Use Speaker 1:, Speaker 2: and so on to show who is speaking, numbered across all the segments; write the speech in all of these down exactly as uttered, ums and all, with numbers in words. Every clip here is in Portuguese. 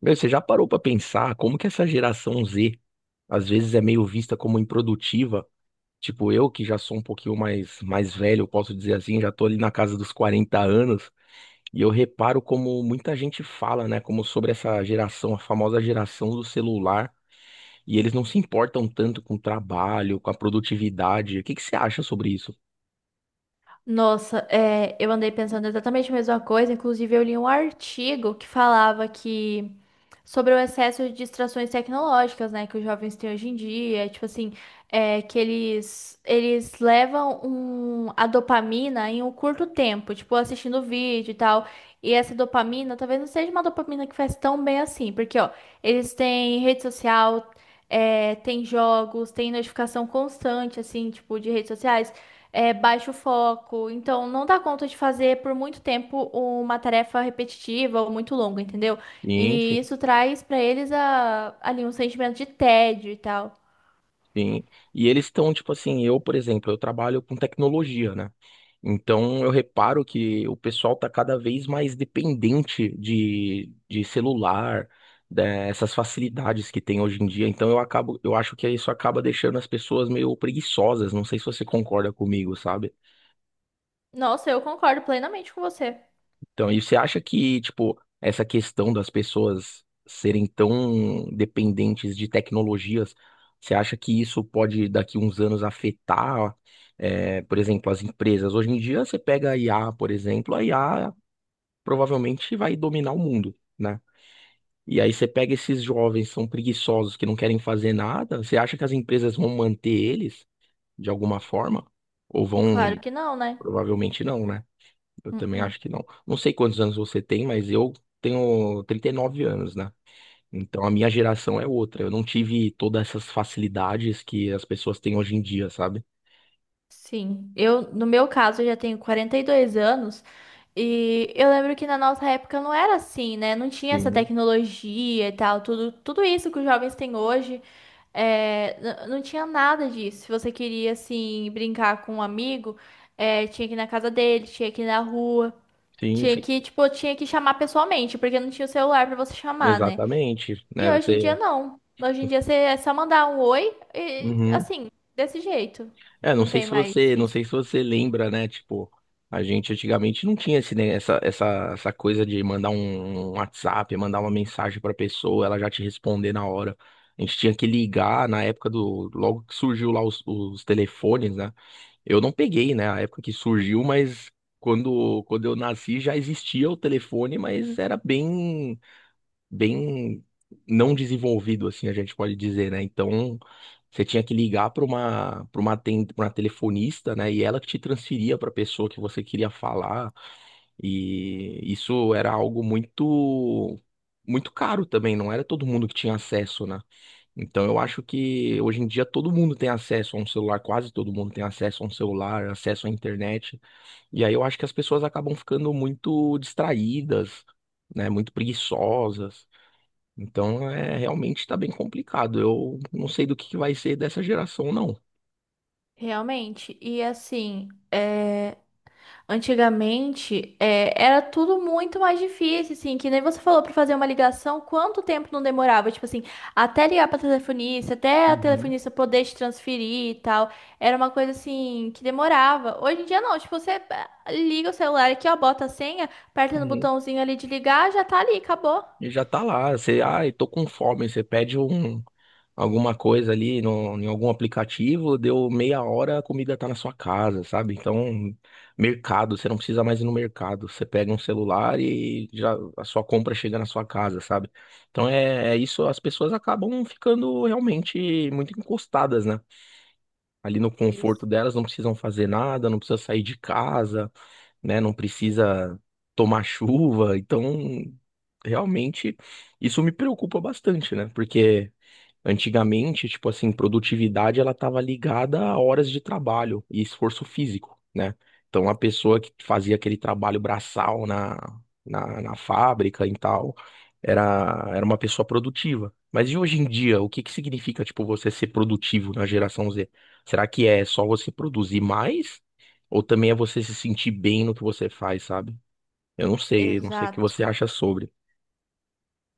Speaker 1: Meu, você já parou pra pensar como que essa geração Z às vezes é meio vista como improdutiva? Tipo, eu que já sou um pouquinho mais mais velho, eu posso dizer assim, já tô ali na casa dos quarenta anos, e eu reparo como muita gente fala, né, como sobre essa geração, a famosa geração do celular, e eles não se importam tanto com o trabalho, com a produtividade. O que que você acha sobre isso?
Speaker 2: Nossa, é, eu andei pensando exatamente a mesma coisa. Inclusive, eu li um artigo que falava que sobre o excesso de distrações tecnológicas, né, que os jovens têm hoje em dia, tipo assim, é, que eles eles levam um, a dopamina em um curto tempo, tipo assistindo vídeo e tal. E essa dopamina talvez não seja uma dopamina que faz tão bem assim, porque ó, eles têm rede social, é, tem jogos, tem notificação constante, assim, tipo, de redes sociais, é, baixo foco. Então, não dá conta de fazer por muito tempo uma tarefa repetitiva ou muito longa, entendeu?
Speaker 1: Sim, sim.
Speaker 2: E isso traz pra eles a- ali um sentimento de tédio e tal.
Speaker 1: Sim. E eles estão, tipo assim, eu, por exemplo, eu trabalho com tecnologia, né? Então eu reparo que o pessoal tá cada vez mais dependente de, de celular, dessas facilidades que tem hoje em dia. Então eu acabo, eu acho que isso acaba deixando as pessoas meio preguiçosas. Não sei se você concorda comigo, sabe?
Speaker 2: Nossa, eu concordo plenamente com você.
Speaker 1: Então, e você acha que, tipo, essa questão das pessoas serem tão dependentes de tecnologias, você acha que isso pode, daqui uns anos, afetar, é, por exemplo, as empresas? Hoje em dia, você pega a I A, por exemplo, a I A provavelmente vai dominar o mundo, né? E aí você pega esses jovens, são preguiçosos, que não querem fazer nada, você acha que as empresas vão manter eles, de alguma forma? Ou
Speaker 2: Claro
Speaker 1: vão...
Speaker 2: que não, né?
Speaker 1: Provavelmente não, né? Eu também
Speaker 2: Uhum.
Speaker 1: acho que não. Não sei quantos anos você tem, mas eu tenho trinta e nove anos, né? Então a minha geração é outra. Eu não tive todas essas facilidades que as pessoas têm hoje em dia, sabe?
Speaker 2: Sim, eu, no meu caso, eu já tenho quarenta e dois anos e eu lembro que na nossa época não era assim, né? Não tinha essa
Speaker 1: Sim,
Speaker 2: tecnologia e tal, tudo, tudo isso que os jovens têm hoje, é, n- não tinha nada disso. Se você queria, assim, brincar com um amigo, é, tinha que ir na casa dele, tinha que ir na rua,
Speaker 1: sim,
Speaker 2: tinha
Speaker 1: sim.
Speaker 2: que, tipo, tinha que chamar pessoalmente, porque não tinha o celular pra você chamar, né?
Speaker 1: Exatamente,
Speaker 2: E
Speaker 1: né?
Speaker 2: hoje em dia
Speaker 1: Você,
Speaker 2: não. Hoje em dia você é só mandar um oi e,
Speaker 1: uhum.
Speaker 2: assim, desse jeito.
Speaker 1: É, não
Speaker 2: Não
Speaker 1: sei
Speaker 2: tem
Speaker 1: se
Speaker 2: mais
Speaker 1: você, não
Speaker 2: isso.
Speaker 1: sei se você lembra, né? Tipo, a gente antigamente não tinha esse, ne- essa, essa, essa coisa de mandar um um WhatsApp, mandar uma mensagem pra pessoa, ela já te responder na hora. A gente tinha que ligar na época do, logo que surgiu lá os, os telefones, né? Eu não peguei, né, a época que surgiu, mas quando, quando eu nasci já existia o telefone, mas era bem bem não desenvolvido, assim, a gente pode dizer, né? Então, você tinha que ligar para uma, para uma, ten- pra uma telefonista, né? E ela que te transferia para a pessoa que você queria falar. E isso era algo muito, muito caro também, não era todo mundo que tinha acesso, né? Então, eu acho que hoje em dia todo mundo tem acesso a um celular, quase todo mundo tem acesso a um celular, acesso à internet. E aí eu acho que as pessoas acabam ficando muito distraídas, né, muito preguiçosas. Então, é, realmente está bem complicado. Eu não sei do que que vai ser dessa geração, não.
Speaker 2: Realmente, e assim, é, antigamente é, era tudo muito mais difícil, assim, que nem você falou para fazer uma ligação, quanto tempo não demorava? Tipo assim, até ligar para telefonista, até a
Speaker 1: Uhum,
Speaker 2: telefonista poder te transferir e tal, era uma coisa assim que demorava. Hoje em dia não, tipo, você ah, liga o celular aqui, ó, bota a senha, aperta no
Speaker 1: uhum.
Speaker 2: botãozinho ali de ligar, já tá ali, acabou.
Speaker 1: E já tá lá, você, ai, tô com fome, você pede um, alguma coisa ali no, em algum aplicativo, deu meia hora, a comida tá na sua casa, sabe? Então, mercado, você não precisa mais ir no mercado, você pega um celular e já a sua compra chega na sua casa, sabe? Então é, é isso, as pessoas acabam ficando realmente muito encostadas, né? Ali no
Speaker 2: Isso,
Speaker 1: conforto delas, não precisam fazer nada, não precisa sair de casa, né? Não precisa tomar chuva. Então, realmente, isso me preocupa bastante, né? Porque antigamente, tipo assim, produtividade ela estava ligada a horas de trabalho e esforço físico, né? Então a pessoa que fazia aquele trabalho braçal na, na, na fábrica e tal, era, era uma pessoa produtiva. Mas e hoje em dia, o que que significa, tipo, você ser produtivo na geração Z? Será que é só você produzir mais? Ou também é você se sentir bem no que você faz, sabe? Eu não sei, eu não sei o que
Speaker 2: exato.
Speaker 1: você acha sobre.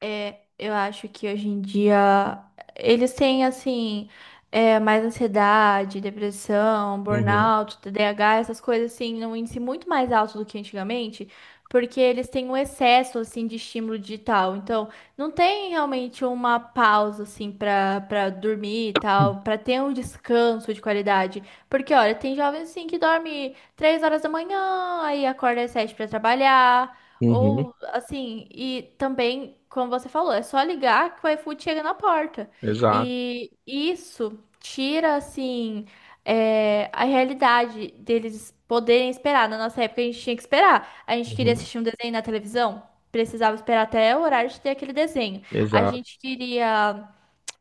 Speaker 2: É, eu acho que hoje em dia eles têm assim é, mais ansiedade, depressão,
Speaker 1: Uhum.
Speaker 2: burnout, T D A H, essas coisas assim, num índice muito mais alto do que antigamente, porque eles têm um excesso assim de estímulo digital. Então, não tem realmente uma pausa assim para para dormir e tal, para ter um descanso de qualidade. Porque olha, tem jovens assim que dorme três horas da manhã, aí acorda às sete para trabalhar.
Speaker 1: Uhum.
Speaker 2: Ou assim, e também, como você falou, é só ligar que o iFood chega na porta.
Speaker 1: Exato.
Speaker 2: E isso tira, assim, é, a realidade deles poderem esperar. Na nossa época, a gente tinha que esperar. A gente queria
Speaker 1: Uhum.
Speaker 2: assistir um desenho na televisão, precisava esperar até o horário de ter aquele desenho. A
Speaker 1: Exato.
Speaker 2: gente queria.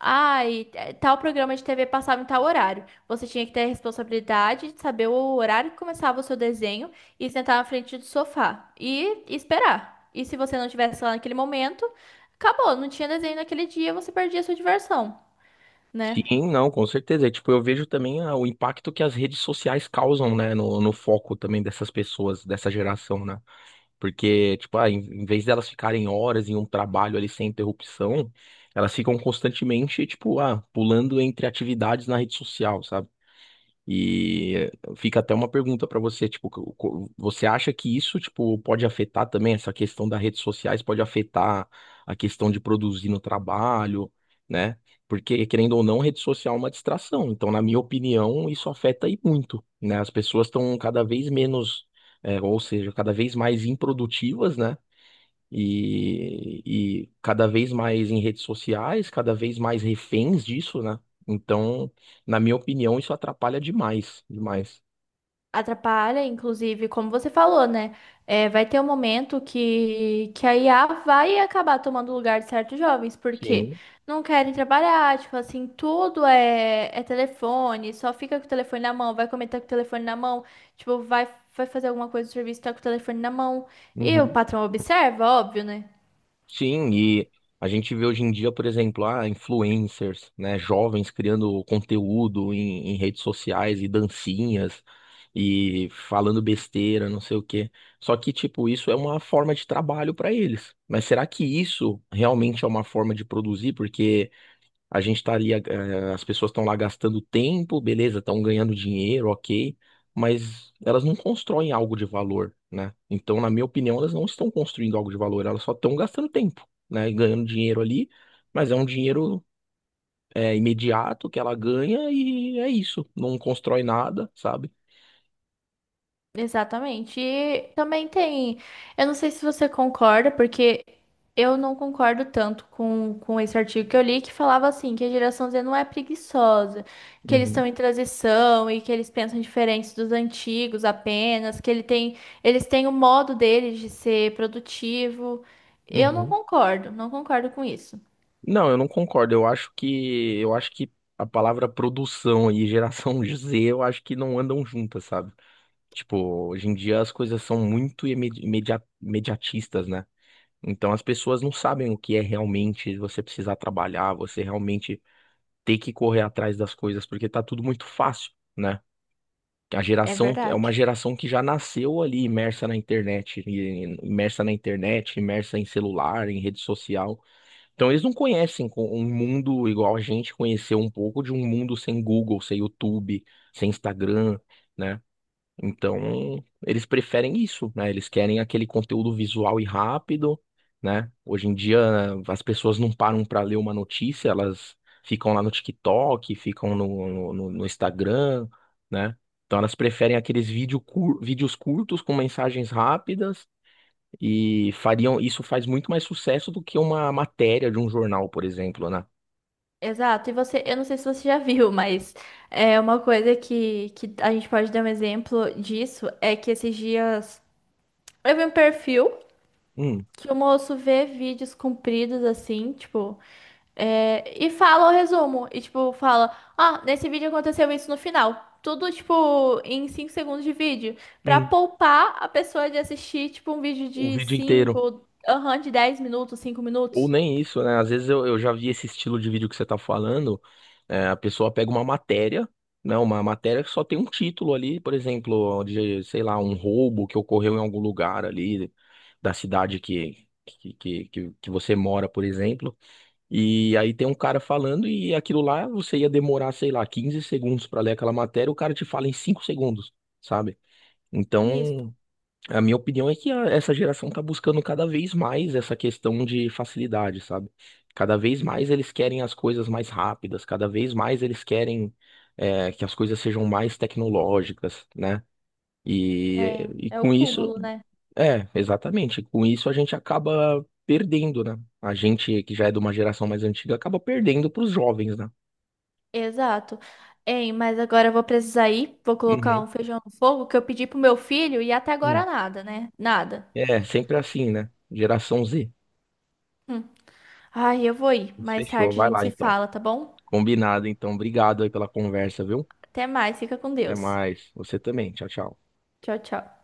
Speaker 2: Ai, eh, tal programa de T V passava em tal horário. Você tinha que ter a responsabilidade de saber o horário que começava o seu desenho e sentar na frente do sofá e esperar. E se você não tivesse lá naquele momento, acabou, não tinha desenho naquele dia, você perdia a sua diversão, né?
Speaker 1: Sim, não, com certeza. E, tipo, eu vejo também ah, o impacto que as redes sociais causam, né, no, no foco também dessas pessoas, dessa geração, né? Porque, tipo, ah, em, em vez delas ficarem horas em um trabalho ali sem interrupção, elas ficam constantemente, tipo, ah, pulando entre atividades na rede social, sabe? E fica até uma pergunta para você, tipo, co- co- você acha que isso, tipo, pode afetar também essa questão das redes sociais, pode afetar a questão de produzir no trabalho, né? Porque, querendo ou não, rede social é uma distração. Então, na minha opinião, isso afeta aí muito, né? As pessoas estão cada vez menos, é, ou seja, cada vez mais improdutivas, né? e, e cada vez mais em redes sociais, cada vez mais reféns disso, né? Então, na minha opinião, isso atrapalha demais, demais.
Speaker 2: Atrapalha, inclusive, como você falou, né? É, vai ter um momento que, que a I A vai acabar tomando o lugar de certos jovens, porque
Speaker 1: Sim.
Speaker 2: não querem trabalhar, tipo assim, tudo é, é telefone, só fica com o telefone na mão, vai comentar com o telefone na mão, tipo, vai, vai fazer alguma coisa do serviço, tá com o telefone na mão. E o
Speaker 1: Uhum.
Speaker 2: patrão observa, óbvio, né?
Speaker 1: Sim, e a gente vê hoje em dia, por exemplo, ah, influencers, né, jovens criando conteúdo em, em redes sociais e dancinhas e falando besteira, não sei o quê. Só que, tipo, isso é uma forma de trabalho para eles. Mas será que isso realmente é uma forma de produzir? Porque a gente estaria, eh, as pessoas estão lá gastando tempo, beleza, estão ganhando dinheiro, ok, mas elas não constroem algo de valor, né? Então, na minha opinião, elas não estão construindo algo de valor, elas só estão gastando tempo, né? E ganhando dinheiro ali, mas é um dinheiro, eh, imediato que ela ganha e é isso, não constrói nada, sabe?
Speaker 2: Exatamente. E também tem. Eu não sei se você concorda, porque eu não concordo tanto com, com esse artigo que eu li, que falava assim, que a geração Z não é preguiçosa, que eles estão
Speaker 1: Uhum,
Speaker 2: em transição e que eles pensam diferente dos antigos apenas, que ele tem, eles têm o modo deles de ser produtivo. Eu não
Speaker 1: uhum.
Speaker 2: concordo, não concordo com isso.
Speaker 1: Não, eu não concordo. Eu acho que eu acho que a palavra produção e geração Z, eu acho que não andam juntas, sabe? Tipo, hoje em dia as coisas são muito imedi- imedia- imediatistas, né? Então as pessoas não sabem o que é realmente você precisar trabalhar, você realmente ter que correr atrás das coisas, porque tá tudo muito fácil, né? A
Speaker 2: É
Speaker 1: geração é uma
Speaker 2: verdade.
Speaker 1: geração que já nasceu ali imersa na internet, e- imersa na internet, imersa em celular, em rede social. Então eles não conhecem co- um mundo igual a gente conheceu um pouco de um mundo sem Google, sem YouTube, sem Instagram, né? Então, eles preferem isso, né? Eles querem aquele conteúdo visual e rápido, né? Hoje em dia, as pessoas não param para ler uma notícia, elas ficam lá no TikTok, ficam no, no, no- no Instagram, né? Então, elas preferem aqueles vídeo cur- vídeos curtos com mensagens rápidas e fariam isso faz muito mais sucesso do que uma matéria de um jornal, por exemplo, né?
Speaker 2: Exato, e você, eu não sei se você já viu, mas é uma coisa que, que a gente pode dar um exemplo disso é que esses dias eu vi um perfil
Speaker 1: Hum,
Speaker 2: que o moço vê vídeos compridos assim, tipo, é, e fala o resumo, e tipo, fala, ah, nesse vídeo aconteceu isso no final. Tudo, tipo, em cinco segundos de vídeo, pra
Speaker 1: hum,
Speaker 2: poupar a pessoa de assistir, tipo, um vídeo
Speaker 1: o
Speaker 2: de
Speaker 1: vídeo inteiro.
Speaker 2: cinco, aham, de dez minutos, cinco
Speaker 1: Ou
Speaker 2: minutos.
Speaker 1: nem isso, né? Às vezes eu, eu já vi esse estilo de vídeo que você tá falando. É, a pessoa pega uma matéria, né? Uma matéria que só tem um título ali, por exemplo, de, sei lá, um roubo que ocorreu em algum lugar ali da cidade que, que, que, que que você mora, por exemplo. E aí tem um cara falando e aquilo lá você ia demorar, sei lá, quinze segundos para ler aquela matéria, o cara te fala em cinco segundos, sabe?
Speaker 2: Isso,
Speaker 1: Então. A minha opinião é que a- essa geração tá buscando cada vez mais essa questão de facilidade, sabe? Cada vez mais eles querem as coisas mais rápidas, cada vez mais eles querem é, que as coisas sejam mais tecnológicas, né? E,
Speaker 2: é,
Speaker 1: e
Speaker 2: é o
Speaker 1: com isso,
Speaker 2: cúmulo, né?
Speaker 1: é, exatamente, com isso a gente acaba perdendo, né? A gente que já é de uma geração mais antiga acaba perdendo para os jovens, né?
Speaker 2: Exato. Ei, mas agora eu vou precisar ir, vou colocar
Speaker 1: Uhum.
Speaker 2: um feijão no fogo que eu pedi pro meu filho e até
Speaker 1: Hum.
Speaker 2: agora nada, né? Nada.
Speaker 1: É, sempre assim, né? Geração Z.
Speaker 2: Hum. Ai, eu vou ir. Mais
Speaker 1: Fechou,
Speaker 2: tarde a
Speaker 1: vai
Speaker 2: gente
Speaker 1: lá
Speaker 2: se
Speaker 1: então.
Speaker 2: fala, tá bom?
Speaker 1: Combinado, então. Obrigado aí pela conversa, viu?
Speaker 2: Até mais, fica com
Speaker 1: Até
Speaker 2: Deus.
Speaker 1: mais. Você também. Tchau, tchau.
Speaker 2: Tchau, tchau.